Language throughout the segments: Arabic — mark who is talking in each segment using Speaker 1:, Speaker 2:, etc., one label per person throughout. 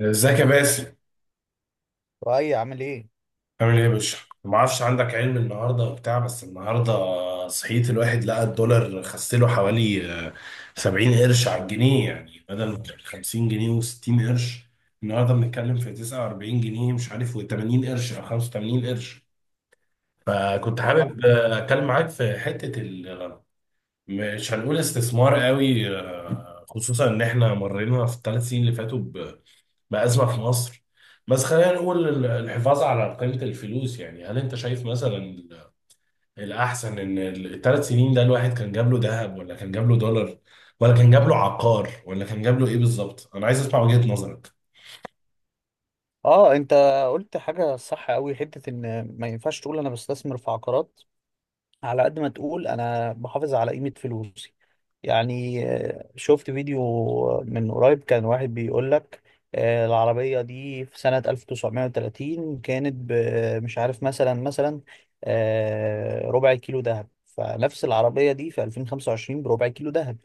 Speaker 1: ازيك يا باسل؟
Speaker 2: وأي، عامل ايه؟
Speaker 1: عامل ايه يا باشا؟ ما اعرفش عندك علم النهارده وبتاع، بس النهارده صحيت الواحد لقى الدولار خسله حوالي 70 قرش على الجنيه، يعني بدل ما كان 50 جنيه و60 قرش، النهارده بنتكلم في 49 جنيه مش عارف و80 قرش او 85 قرش. فكنت
Speaker 2: اه
Speaker 1: حابب اتكلم معاك في حته مش هنقول استثمار قوي خصوصا ان احنا مرينا في ال3 سنين اللي فاتوا بأزمة في مصر. بس خلينا نقول الحفاظ على قيمة الفلوس، يعني هل انت شايف مثلا الأحسن ان ال3 سنين ده الواحد كان جاب له ذهب ولا كان جاب له دولار ولا كان جاب له عقار ولا كان جاب له ايه بالظبط؟ أنا عايز أسمع وجهة نظرك.
Speaker 2: اه انت قلت حاجه صح قوي. حته ان ما ينفعش تقول انا بستثمر في عقارات على قد ما تقول انا بحافظ على قيمة فلوسي. يعني، شفت فيديو من قريب كان واحد بيقول لك، العربية دي في سنة 1930 كانت مش عارف، مثلا ربع كيلو ذهب. فنفس العربية دي في 2025 بربع كيلو ذهب،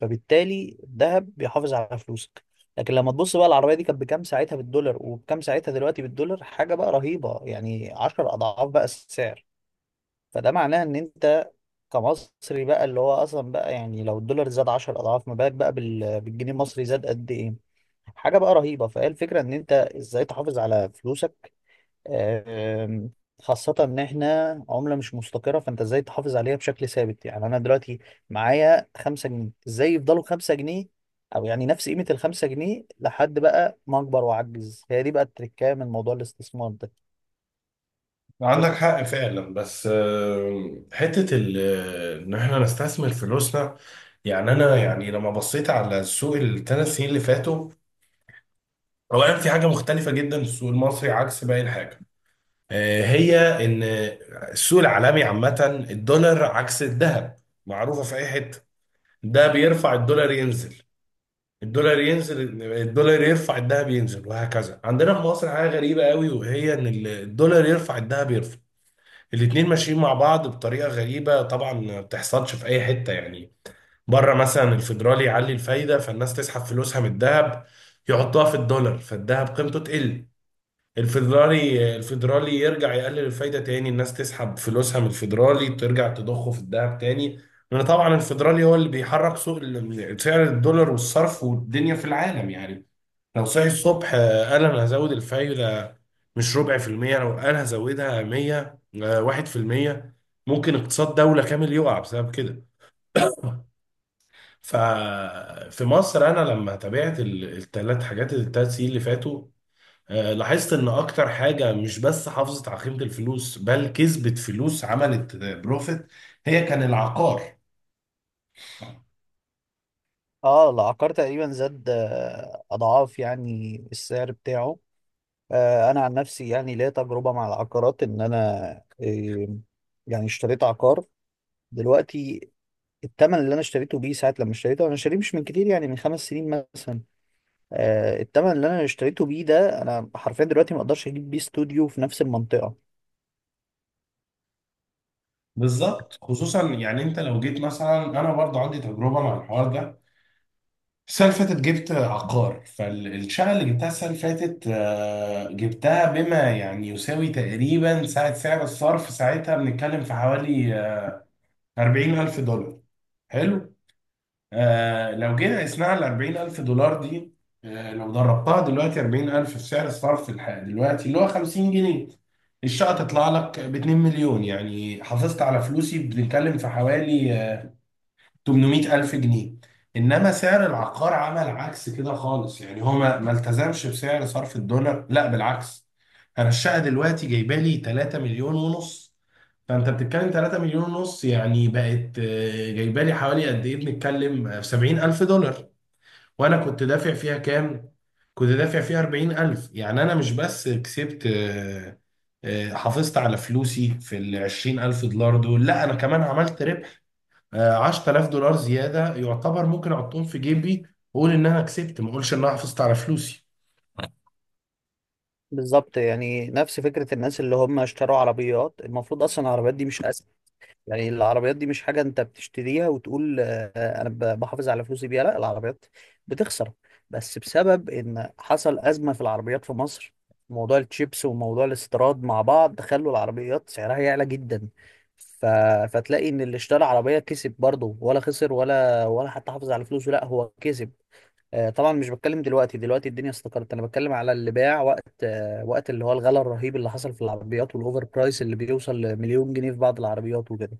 Speaker 2: فبالتالي الذهب بيحافظ على فلوسك. لكن لما تبص بقى، العربية دي كانت بكام ساعتها بالدولار وبكام ساعتها دلوقتي بالدولار؟ حاجة بقى رهيبة، يعني 10 أضعاف بقى السعر. فده معناه ان انت كمصري بقى، اللي هو اصلا بقى يعني لو الدولار زاد 10 اضعاف، ما بالك بقى بالجنيه المصري زاد قد ايه؟ حاجه بقى رهيبه. فهي الفكره ان انت ازاي تحافظ على فلوسك. آم، خاصه ان احنا عمله مش مستقره، فانت ازاي تحافظ عليها بشكل ثابت؟ يعني انا دلوقتي معايا 5 جنيه، ازاي يفضلوا 5 جنيه، او يعني نفس قيمه ال 5 جنيه لحد بقى ما اكبر واعجز. هي دي بقى التركية من موضوع الاستثمار ده.
Speaker 1: عندك حق فعلا، بس حتة ان احنا نستثمر فلوسنا، يعني انا يعني لما بصيت على السوق ال3 سنين اللي فاتوا، اولا في حاجة مختلفة جدا في السوق المصري عكس باقي الحاجة، هي ان السوق العالمي عامه الدولار عكس الذهب، معروفه في اي حته، ده بيرفع الدولار ينزل، الدولار ينزل الدولار يرفع الذهب ينزل وهكذا. عندنا في مصر حاجه غريبه قوي، وهي ان الدولار يرفع الذهب يرفع، الاتنين ماشيين مع بعض بطريقه غريبه، طبعا ما بتحصلش في اي حته يعني. بره مثلا الفيدرالي يعلي الفايده فالناس تسحب فلوسها من الذهب يحطها في الدولار فالذهب قيمته تقل. الفيدرالي يرجع يقلل الفايدة تاني، الناس تسحب فلوسها من الفيدرالي ترجع تضخه في الذهب تاني، لأن طبعا الفيدرالي هو اللي بيحرك سوق سعر الدولار والصرف والدنيا في العالم يعني. لو صحي الصبح قال أنا هزود الفايدة، مش ربع في المية، لو قال هزودها 100 1% ممكن اقتصاد دولة كامل يقع بسبب كده. ففي مصر أنا لما تابعت التلات حاجات ال3 سنين اللي فاتوا، لاحظت ان اكتر حاجة مش بس حافظت على قيمة الفلوس بل كسبت فلوس، عملت بروفيت، هي كان العقار.
Speaker 2: اه، العقار تقريبا زاد اضعاف، يعني السعر بتاعه. انا عن نفسي يعني ليا تجربه مع العقارات، ان انا آه، يعني اشتريت عقار دلوقتي. الثمن اللي انا اشتريته بيه ساعه لما اشتريته، انا شاريه مش من كتير، يعني من 5 سنين مثلا. الثمن اللي انا اشتريته بيه ده، انا حرفيا دلوقتي ما اقدرش اجيب بيه استوديو في نفس المنطقه.
Speaker 1: بالظبط، خصوصا يعني انت لو جيت مثلا، انا برضه عندي تجربة مع الحوار ده. السنة اللي فاتت جبت عقار، فالشقة اللي جبتها السنة اللي فاتت جبتها بما يعني يساوي تقريبا ساعة سعر الصرف، ساعتها بنتكلم في حوالي 40 ألف دولار. حلو. آه لو جينا قسناها ال 40000 دولار دي، آه لو ضربتها دلوقتي 40000 في سعر الصرف الحالي دلوقتي اللي هو 50 جنيه، الشقة تطلع لك ب 2 مليون، يعني حافظت على فلوسي بنتكلم في حوالي 800 ألف جنيه. إنما سعر العقار عمل عكس كده خالص، يعني هو ما التزمش بسعر صرف الدولار، لا بالعكس، أنا الشقة دلوقتي جايبة لي 3 مليون ونص. فأنت بتتكلم 3 مليون ونص، يعني بقت جايبة لي حوالي قد إيه، بنتكلم 70 ألف دولار. وأنا كنت دافع فيها كام؟ كنت دافع فيها 40 ألف، يعني أنا مش بس كسبت، حافظت على فلوسي في ال 20 ألف دولار دول، لا أنا كمان عملت ربح. 10000 دولار زياده يعتبر، ممكن احطهم في جيبي واقول ان انا كسبت، ما اقولش ان انا حافظت على فلوسي.
Speaker 2: بالظبط، يعني نفس فكره الناس اللي هم اشتروا عربيات. المفروض اصلا العربيات دي مش، يعني العربيات دي مش حاجة انت بتشتريها وتقول انا بحافظ على فلوسي بيها. لا، العربيات بتخسر، بس بسبب ان حصل أزمة في العربيات في مصر. موضوع التشيبس وموضوع الاستيراد مع بعض خلوا العربيات سعرها يعلى جدا. ف... فتلاقي ان اللي اشترى عربية كسب برضه، ولا خسر، ولا حتى حافظ على فلوسه؟ لا، هو كسب. طبعا مش بتكلم دلوقتي، دلوقتي الدنيا استقرت، انا بتكلم على اللي باع وقت اللي هو الغلاء الرهيب اللي حصل في العربيات والاوفر برايس اللي بيوصل لمليون جنيه في بعض العربيات وكده.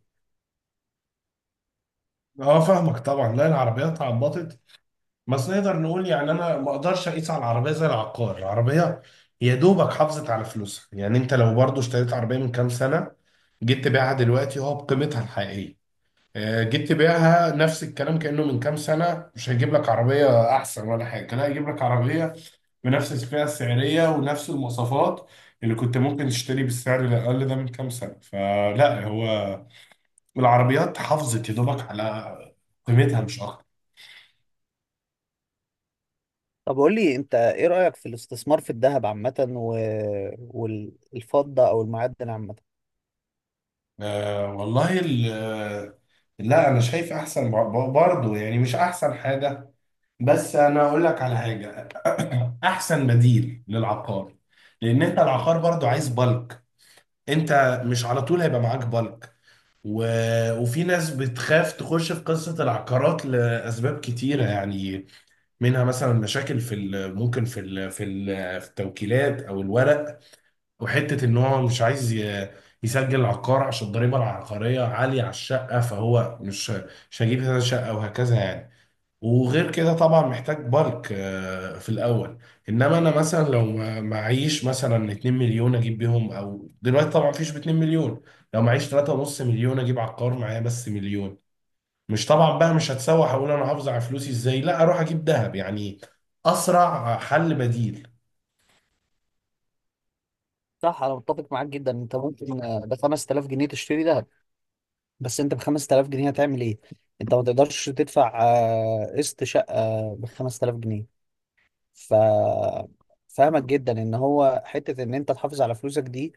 Speaker 1: اه، فاهمك طبعا، لا العربيات عبطت بس، نقدر نقول يعني انا ما اقدرش اقيس على العربيه زي العقار. العربيه يا دوبك حافظت على فلوسها، يعني انت لو برضو اشتريت عربيه من كام سنه جيت تبيعها دلوقتي هو بقيمتها الحقيقيه. جيت تبيعها نفس الكلام كانه من كام سنه، مش هيجيب لك عربيه احسن ولا حاجه، لا هيجيب لك عربيه بنفس الفئة السعرية ونفس المواصفات اللي كنت ممكن تشتري بالسعر الأقل ده من كام سنة. فلا هو العربيات حافظت يا دوبك على قيمتها مش أكتر.
Speaker 2: طب قول لي انت، ايه رأيك في الاستثمار في الذهب عامة والفضة او المعدن عامة؟
Speaker 1: والله لا أنا شايف أحسن برضه، يعني مش أحسن حاجة، بس أنا أقول لك على حاجة أحسن بديل للعقار، لأن أنت العقار برضه عايز بالك، أنت مش على طول هيبقى معاك بالك. و... وفي ناس بتخاف تخش في قصة العقارات لأسباب كتيرة يعني، منها مثلا مشاكل في ال... ممكن في ال... في ال... في التوكيلات أو الورق، وحتة إن هو مش عايز ي... يسجل عقار عشان الضريبة العقارية عالية على الشقة، فهو مش هجيب هذا الشقة وهكذا يعني. وغير كده طبعا محتاج بالك في الاول. انما انا مثلا لو معيش مثلا 2 مليون اجيب بيهم، او دلوقتي طبعا مفيش ب 2 مليون، لو معيش 3.5 مليون اجيب عقار معايا بس مليون، مش طبعا بقى، مش هتسوح اقول انا هحافظ على فلوسي ازاي، لا اروح اجيب ذهب يعني، اسرع حل بديل.
Speaker 2: صح، انا متفق معاك جدا. انت ممكن ب 5000 جنيه تشتري ذهب، بس انت ب 5000 جنيه هتعمل ايه؟ انت ما تقدرش تدفع قسط شقة ب 5000 جنيه. ف فاهمك جدا ان هو حتة ان انت تحافظ على فلوسك دي.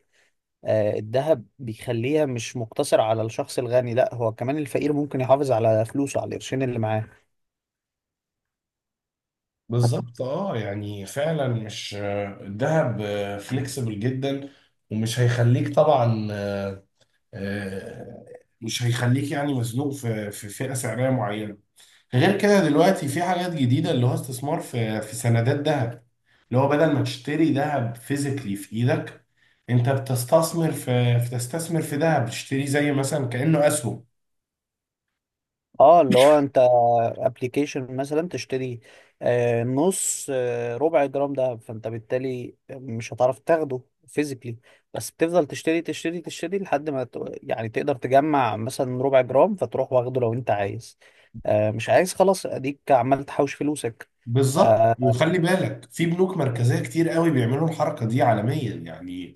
Speaker 2: الذهب بيخليها مش مقتصر على الشخص الغني، لا هو كمان الفقير ممكن يحافظ على فلوسه على القرشين اللي معاه.
Speaker 1: بالظبط، اه يعني فعلا مش الذهب فليكسبل جدا، ومش هيخليك طبعا، آه، مش هيخليك يعني مزنوق في فئة سعرية معينة. غير كده دلوقتي في حاجات جديدة، اللي هو استثمار في سندات ذهب، اللي هو بدل ما تشتري ذهب فيزيكلي في ايدك، انت بتستثمر في ذهب، تشتري زي مثلا كأنه اسهم.
Speaker 2: اه، اللي هو انت ابلكيشن مثلا تشتري آه، نص آه، ربع جرام دهب، فانت بالتالي مش هتعرف تاخده فيزيكلي. بس بتفضل تشتري تشتري تشتري لحد ما يعني تقدر تجمع مثلا ربع جرام، فتروح واخده لو انت عايز. مش عايز خلاص، اديك عمال تحوش فلوسك.
Speaker 1: بالظبط،
Speaker 2: آه،
Speaker 1: وخلي بالك في بنوك مركزية كتير قوي بيعملوا الحركة دي عالميا يعني.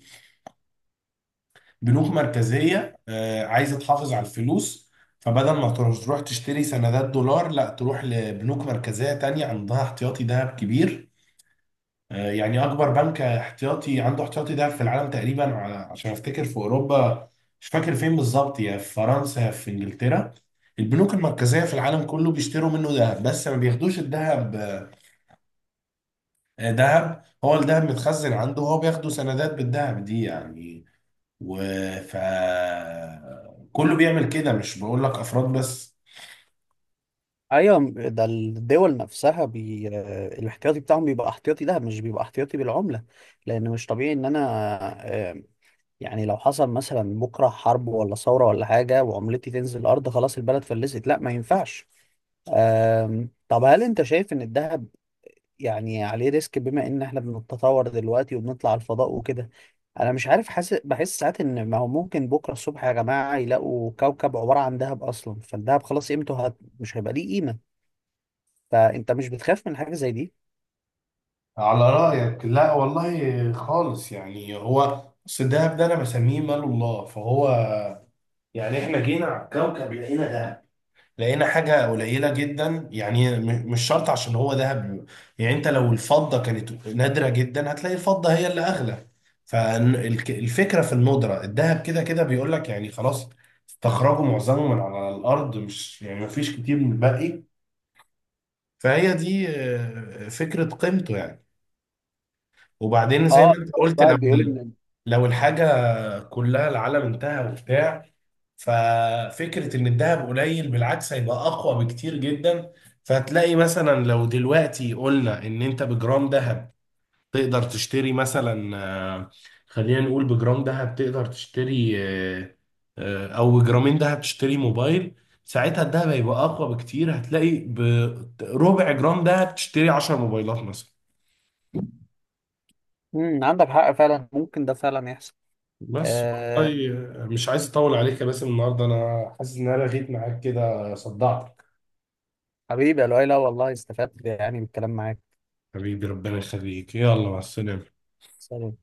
Speaker 1: بنوك مركزية عايزة تحافظ على الفلوس، فبدل ما تروح تشتري سندات دولار، لا تروح لبنوك مركزية تانية عندها احتياطي ذهب كبير. يعني أكبر بنك احتياطي عنده احتياطي ذهب في العالم تقريبا عشان أفتكر في أوروبا، مش فاكر فين بالظبط، يا في فرنسا يا في إنجلترا. البنوك المركزية في العالم كله بيشتروا منه ذهب بس ما بياخدوش الذهب، ذهب، هو الذهب متخزن عنده، هو بياخده سندات بالذهب دي يعني. و ف كله بيعمل كده، مش بقول لك افراد بس.
Speaker 2: ايوه، ده الدول نفسها بي... آه، الاحتياطي بتاعهم بيبقى احتياطي. ده مش بيبقى احتياطي بالعملة، لان مش طبيعي ان انا آه، يعني لو حصل مثلا بكرة حرب ولا ثورة ولا حاجة وعملتي تنزل الأرض، خلاص البلد فلست. لا، ما ينفعش. طب هل أنت شايف إن الذهب يعني عليه ريسك، بما إن إحنا بنتطور دلوقتي وبنطلع الفضاء وكده؟ أنا مش عارف، حاسس، بحس ساعات إن ما هو ممكن بكرة الصبح يا جماعة يلاقوا كوكب عبارة عن ذهب أصلا، فالذهب خلاص قيمته مش هيبقى ليه قيمة. فأنت مش بتخاف من حاجة زي دي؟
Speaker 1: على رايك لا والله خالص، يعني هو اصل الدهب ده انا بسميه مال الله، فهو يعني احنا جينا على الكوكب لقينا دهب، لقينا حاجه قليله جدا، يعني مش شرط عشان هو دهب، يعني انت لو الفضه كانت نادره جدا هتلاقي الفضه هي اللي اغلى. فالفكره في الندره، الدهب كده كده بيقول لك يعني خلاص استخرجوا معظمه من على الارض، مش يعني مفيش كتير من الباقي، فهي دي فكرة قيمته يعني. وبعدين زي
Speaker 2: اه،
Speaker 1: ما انت
Speaker 2: شفت
Speaker 1: قلت، لو
Speaker 2: واحد بيقول إن.
Speaker 1: لو الحاجة كلها العالم انتهى وبتاع، ففكرة ان الذهب قليل بالعكس هيبقى اقوى بكتير جدا. فهتلاقي مثلا لو دلوقتي قلنا ان انت بجرام ذهب تقدر تشتري مثلا، آه، خلينا نقول بجرام ذهب تقدر تشتري او ب2 جرام ذهب تشتري موبايل. ساعتها الدهب هيبقى اقوى بكتير، هتلاقي بربع جرام دهب تشتري 10 موبايلات مثلا.
Speaker 2: عندك حق فعلا، ممكن ده فعلا يحصل.
Speaker 1: بس والله، مش عايز اطول عليك يا باسم النهارده، انا حاسس ان انا لغيت معاك كده صدعتك.
Speaker 2: حبيبي يا لؤي، لا والله استفدت يعني من الكلام معاك.
Speaker 1: حبيبي ربنا يخليك، يلا مع السلامه.
Speaker 2: سلام.